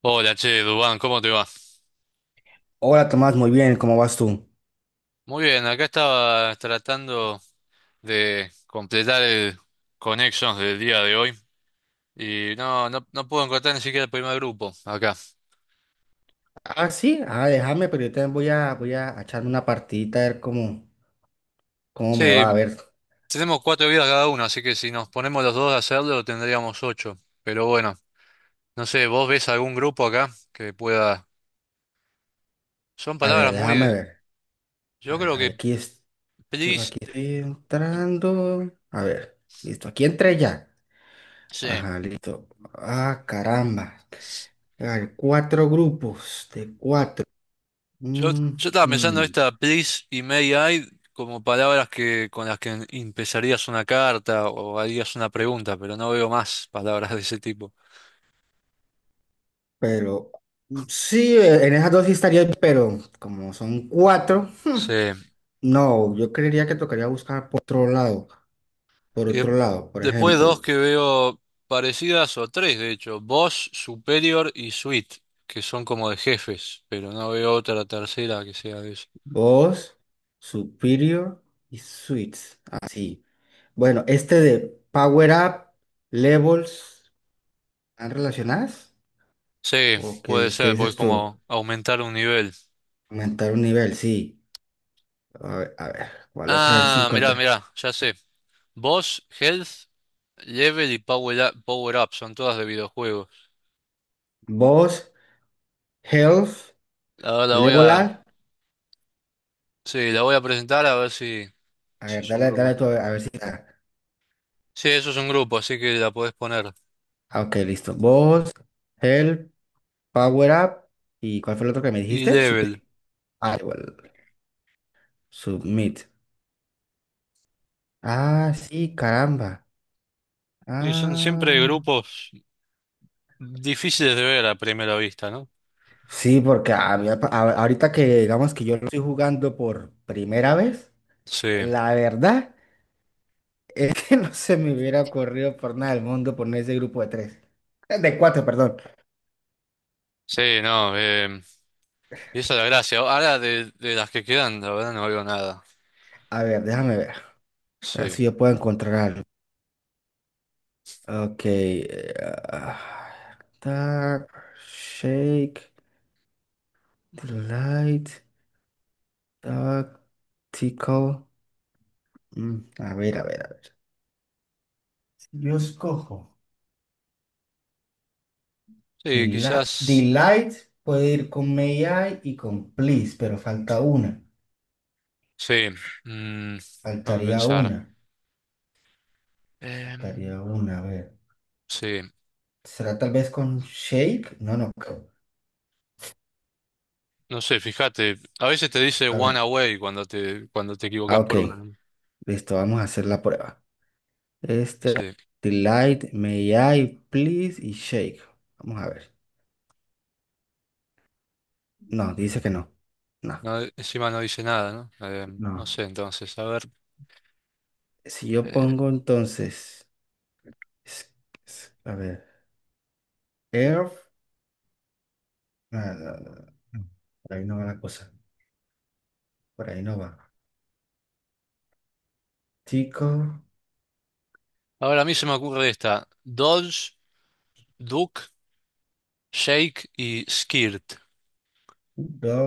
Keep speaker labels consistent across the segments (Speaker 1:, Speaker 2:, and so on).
Speaker 1: Hola, che, Dubán, ¿cómo te va?
Speaker 2: Hola Tomás, muy bien, ¿cómo vas tú?
Speaker 1: Muy bien, acá estaba tratando de completar el Connections del día de hoy y no puedo encontrar ni siquiera el primer grupo acá.
Speaker 2: Ah, sí, ah, déjame, pero yo también voy a echarme una partidita a ver cómo me
Speaker 1: Sí,
Speaker 2: va. A ver,
Speaker 1: tenemos cuatro vidas cada uno, así que si nos ponemos los dos a hacerlo tendríamos ocho. Pero bueno, no sé, ¿vos ves algún grupo acá que pueda...? Son
Speaker 2: a ver,
Speaker 1: palabras muy...
Speaker 2: déjame
Speaker 1: de-
Speaker 2: ver, a
Speaker 1: Yo
Speaker 2: ver,
Speaker 1: creo
Speaker 2: ahí
Speaker 1: que
Speaker 2: aquí, es,
Speaker 1: please...
Speaker 2: aquí estoy entrando, a ver, listo, aquí entré ya,
Speaker 1: Sí.
Speaker 2: ajá, listo, ah, caramba, hay cuatro grupos de cuatro.
Speaker 1: Yo,
Speaker 2: Ujú.
Speaker 1: yo estaba pensando esta please y may I como palabras que con las que empezarías una carta o harías una pregunta, pero no veo más palabras de ese tipo.
Speaker 2: Pero sí, en esas dos sí estaría, pero como son cuatro,
Speaker 1: Sí.
Speaker 2: no, yo creería que tocaría buscar por otro lado. Por
Speaker 1: Y de-
Speaker 2: otro lado, por
Speaker 1: después dos
Speaker 2: ejemplo,
Speaker 1: que veo parecidas o tres, de hecho, boss, superior y suite, que son como de jefes, pero no veo otra tercera que sea de eso.
Speaker 2: Boss, Superior y Suites. Así. Bueno, este de Power Up, Levels, ¿están relacionadas?
Speaker 1: Sí,
Speaker 2: ¿O
Speaker 1: puede
Speaker 2: qué
Speaker 1: ser, voy
Speaker 2: dices tú?
Speaker 1: como aumentar un nivel.
Speaker 2: Aumentar un nivel, sí. A ver, ¿cuál otra vez se
Speaker 1: Ah, mirá,
Speaker 2: encuentra?
Speaker 1: mirá, ya sé. Boss, health, Level y Power Up, Power Up son todas de videojuegos.
Speaker 2: Boss, Health,
Speaker 1: Ahora la voy
Speaker 2: Level
Speaker 1: a,
Speaker 2: Up.
Speaker 1: sí, la voy a presentar a ver si,
Speaker 2: A
Speaker 1: si
Speaker 2: ver,
Speaker 1: es un grupo.
Speaker 2: dale tú a ver si está.
Speaker 1: Sí, eso es un grupo, así que la podés poner.
Speaker 2: Ah, ok, listo. Boss, Health, Power Up. ¿Y cuál fue el otro que me
Speaker 1: Y
Speaker 2: dijiste?
Speaker 1: Level.
Speaker 2: Superior. Ah, igual. Submit. Ah, sí, caramba.
Speaker 1: Y son siempre
Speaker 2: Ah,
Speaker 1: grupos difíciles de ver a primera vista, ¿no?
Speaker 2: sí, porque a mí, ahorita que digamos que yo lo estoy jugando por primera vez,
Speaker 1: Sí,
Speaker 2: la verdad es que no se me hubiera ocurrido por nada del mundo poner ese grupo de tres. De cuatro, perdón.
Speaker 1: sí, no, y esa es la gracia. Ahora de las que quedan, la verdad no veo nada.
Speaker 2: A ver, déjame ver. A ver
Speaker 1: Sí,
Speaker 2: si yo puedo encontrar algo. Ok. Ah, Dark, shake, delight, tactical. A ver, a ver, a ver. Yo escojo.
Speaker 1: sí, quizás,
Speaker 2: Delight puede ir con may I y con please, pero falta una.
Speaker 1: sí, mm, déjame
Speaker 2: Faltaría
Speaker 1: pensar.
Speaker 2: una.
Speaker 1: Em,
Speaker 2: Faltaría una. A ver.
Speaker 1: sí.
Speaker 2: ¿Será tal vez con shake? No, no.
Speaker 1: No sé, fíjate, a veces te dice
Speaker 2: A
Speaker 1: one
Speaker 2: ver.
Speaker 1: away cuando te equivocas
Speaker 2: Ah, ok.
Speaker 1: por una, ¿no?
Speaker 2: Listo, vamos a hacer la prueba. Este.
Speaker 1: Sí.
Speaker 2: Delight, may I, please y shake. Vamos a ver. No, dice que no. No,
Speaker 1: No, encima no dice nada, ¿no? No
Speaker 2: no.
Speaker 1: sé, entonces, a ver.
Speaker 2: Si yo
Speaker 1: eh,
Speaker 2: pongo entonces es- a ver. Air. Ah, no, no, no, no. Por ahí no va la cosa. Por ahí no va. Tico.
Speaker 1: Ahora a mí se me ocurre esta. Dodge, duck, shake y skirt.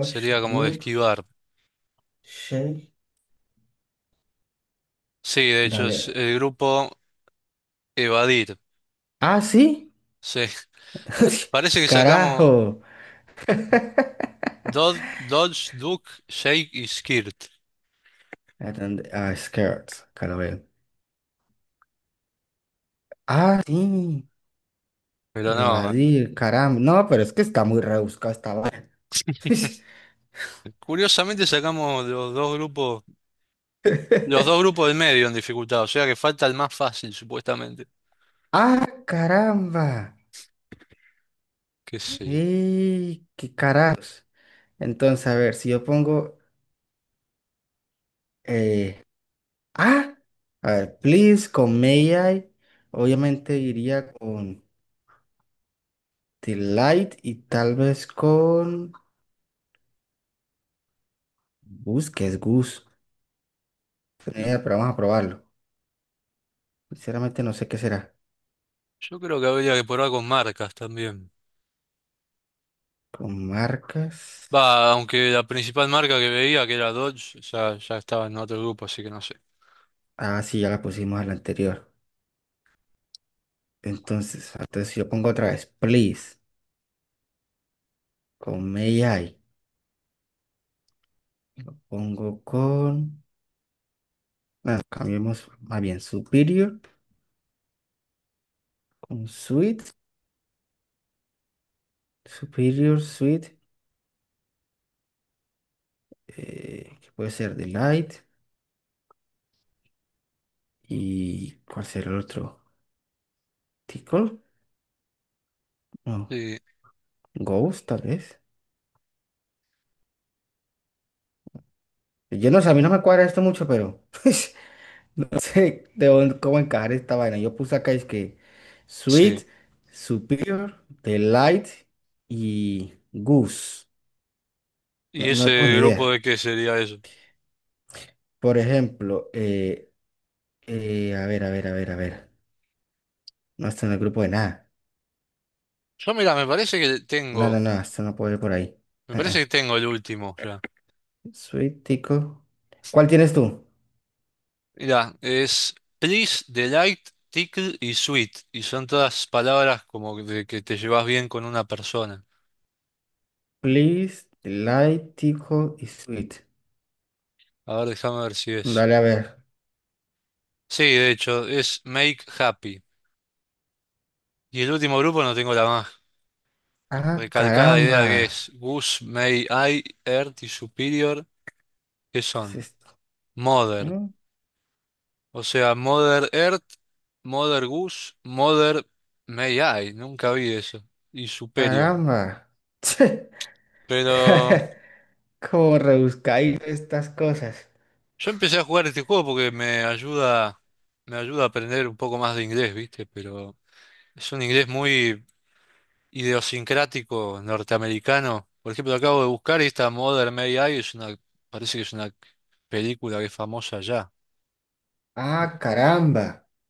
Speaker 1: Sería como de
Speaker 2: Duke,
Speaker 1: esquivar.
Speaker 2: Shake,
Speaker 1: Sí, de hecho es
Speaker 2: Galera.
Speaker 1: el grupo evadir.
Speaker 2: Ah, sí.
Speaker 1: Sí. Parece que sacamos
Speaker 2: Carajo.
Speaker 1: Dodge, Dodge, duck, shake y skirt.
Speaker 2: Atende- ah, skirts. Acá lo veo. Ah, sí.
Speaker 1: Pero no.
Speaker 2: Evadir, caramba. No, pero es que está muy rebuscado esta vaina.
Speaker 1: Curiosamente sacamos los dos grupos. Los dos grupos del medio en dificultad, o sea que falta el más fácil, supuestamente.
Speaker 2: Caramba.
Speaker 1: ¿Qué sé yo?
Speaker 2: Y qué carajos. Entonces, a ver, si yo pongo. eh, Ah, a ver, please con may I. Obviamente iría con delight y tal vez con. Gus, que es Gus.
Speaker 1: Mm,
Speaker 2: Pero vamos a probarlo. Sinceramente no sé qué será.
Speaker 1: Yo creo que habría que probar con marcas también.
Speaker 2: Con marcas.
Speaker 1: Va, aunque la principal marca que veía, que era Dodge, ya, ya estaba en otro grupo, así que no sé.
Speaker 2: Ah, sí, ya la pusimos a la anterior. Entonces si yo pongo otra vez, please, con May I. Pongo con... ah, cambiemos más bien Superior, con Sweet, Superior, Sweet, que puede ser Delight. ¿Y cuál será el otro? ¿Tickle? No,
Speaker 1: Sí,
Speaker 2: Ghost, tal vez. Yo no sé, a mí no me cuadra esto mucho, pero... Sí, de dónde- cómo encajar esta vaina. Yo puse acá es que Sweet,
Speaker 1: sí.
Speaker 2: Superior, Delight y Goose. No,
Speaker 1: ¿Y
Speaker 2: no tengo
Speaker 1: ese
Speaker 2: ni
Speaker 1: grupo
Speaker 2: idea.
Speaker 1: de qué sería eso?
Speaker 2: Por ejemplo, a ver, a ver, a ver, a ver. No está en el grupo de nada.
Speaker 1: Yo, mira,
Speaker 2: No, no, no, esto no puede ir por ahí.
Speaker 1: me parece
Speaker 2: Ah,
Speaker 1: que tengo el último ya.
Speaker 2: ah. Sweet, Tico. ¿Cuál tienes tú?
Speaker 1: Mira, es Please, Delight, Tickle y Sweet. Y son todas palabras como de que te llevas bien con una persona.
Speaker 2: Please, Delight, Tico y Sweet.
Speaker 1: A ver, déjame ver si es.
Speaker 2: Dale a ver.
Speaker 1: Sí, de hecho, es Make Happy. Y el último grupo no tengo la más
Speaker 2: Ah,
Speaker 1: recalcada idea,
Speaker 2: caramba.
Speaker 1: que es Goose, May I, Earth y Superior, que
Speaker 2: ¿Qué es
Speaker 1: son
Speaker 2: esto?
Speaker 1: Mother.
Speaker 2: Mm,
Speaker 1: O sea, Mother Earth, Mother Goose, Mother May I. Nunca vi eso. Y Superior.
Speaker 2: Caramba.
Speaker 1: Pero
Speaker 2: Como rebuscáis estas cosas.
Speaker 1: yo empecé a jugar este juego porque me ayuda a aprender un poco más de inglés, ¿viste? Pero es un inglés muy idiosincrático norteamericano. Por ejemplo, lo acabo de buscar y esta Mother May I es una, parece que es una película que es famosa ya.
Speaker 2: Ah, caramba.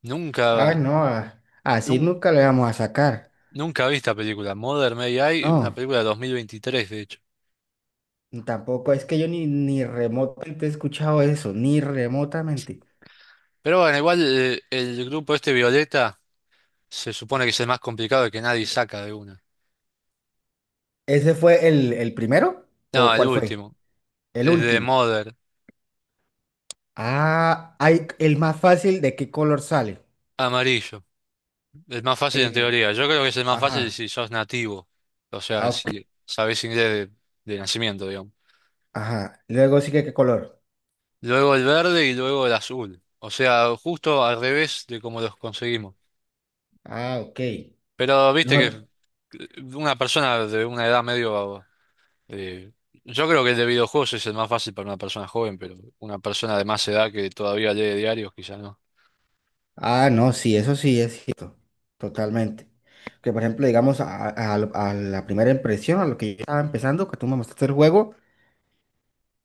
Speaker 1: Nunca,
Speaker 2: Ah, no. Ah, así
Speaker 1: nun-
Speaker 2: nunca le vamos a sacar.
Speaker 1: nunca vi esta película, Mother May I, una
Speaker 2: No,
Speaker 1: película de 2023, de hecho.
Speaker 2: tampoco es que yo ni remotamente he escuchado eso, ni remotamente.
Speaker 1: Pero bueno, igual grupo este Violeta se supone que es el más complicado y que nadie saca de una.
Speaker 2: ¿Ese fue el primero?
Speaker 1: No,
Speaker 2: ¿O
Speaker 1: el
Speaker 2: cuál fue?
Speaker 1: último,
Speaker 2: El
Speaker 1: el de
Speaker 2: último.
Speaker 1: Mother,
Speaker 2: Ah, hay el más fácil de qué color sale.
Speaker 1: amarillo, el más fácil en
Speaker 2: Eh,
Speaker 1: teoría. Yo creo que es el más fácil
Speaker 2: ajá.
Speaker 1: si sos nativo, o sea,
Speaker 2: Ah, ok.
Speaker 1: si sabés inglés de nacimiento, digamos.
Speaker 2: Ajá. Luego sigue qué color.
Speaker 1: Luego el verde y luego el azul. O sea, justo al revés de cómo los conseguimos.
Speaker 2: Ah, ok.
Speaker 1: Pero viste
Speaker 2: No,
Speaker 1: que una persona de una edad medio... eh, yo creo que el de videojuegos es el más fácil para una persona joven, pero una persona de más edad que todavía lee diarios, quizás no.
Speaker 2: ah, no, sí, eso sí es cierto, totalmente. Que por ejemplo, digamos, a la primera impresión, a lo que yo estaba empezando, que tú me mostraste el juego,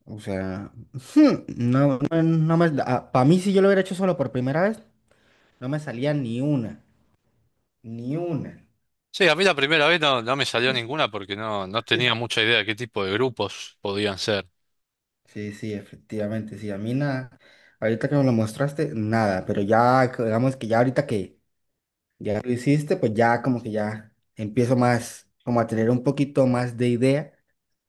Speaker 2: o sea, no, para mí si yo lo hubiera hecho solo por primera vez, no me salía ni una, ni una.
Speaker 1: Sí, a mí la primera vez no, no me salió ninguna porque no, no tenía mucha idea de qué tipo de grupos podían ser.
Speaker 2: Sí, sí, efectivamente, sí, a mí nada, ahorita que me lo mostraste, nada, pero ya, que- digamos que ya ahorita que ya lo hiciste, pues ya como que ya empiezo más, como a tener un poquito más de idea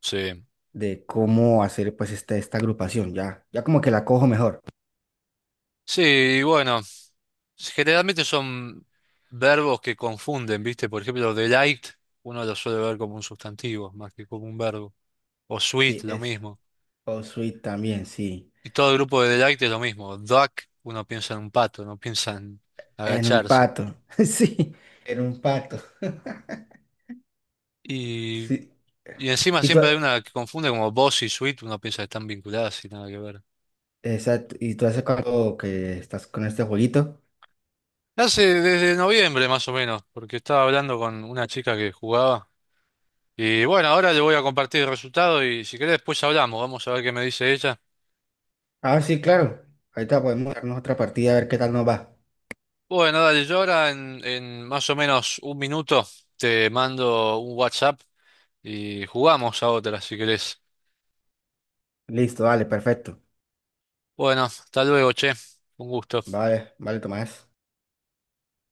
Speaker 1: Sí,
Speaker 2: de cómo hacer pues esta agrupación, ya, ya como que la cojo mejor.
Speaker 1: sí, y bueno. Generalmente son verbos que confunden, ¿viste? Por ejemplo, delight, uno lo suele ver como un sustantivo más que como un verbo. O sweet,
Speaker 2: Sí,
Speaker 1: lo
Speaker 2: es.
Speaker 1: mismo.
Speaker 2: O Sweet también, sí.
Speaker 1: Y todo el grupo de delight es lo mismo. Duck, uno piensa en un pato, no piensa en
Speaker 2: En un
Speaker 1: agacharse.
Speaker 2: pato, sí, en un pato.
Speaker 1: Y,
Speaker 2: Sí.
Speaker 1: y encima
Speaker 2: ¿Y tú,
Speaker 1: siempre hay una que confunde como boss y sweet, uno piensa que están vinculadas y nada que ver.
Speaker 2: exacto, y tú hace cuánto que estás con este jueguito?
Speaker 1: Hace desde noviembre más o menos, porque estaba hablando con una chica que jugaba. Y bueno, ahora le voy a compartir el resultado y si querés después hablamos, vamos a ver qué me dice ella.
Speaker 2: Ah, sí, claro. Ahorita podemos darnos otra partida a ver qué tal nos va.
Speaker 1: Bueno, dale, yo ahora en más o menos un minuto te mando un WhatsApp y jugamos a otra si querés.
Speaker 2: Listo, vale, perfecto.
Speaker 1: Bueno, hasta luego, che. Un gusto.
Speaker 2: Vale, vale, Tomás.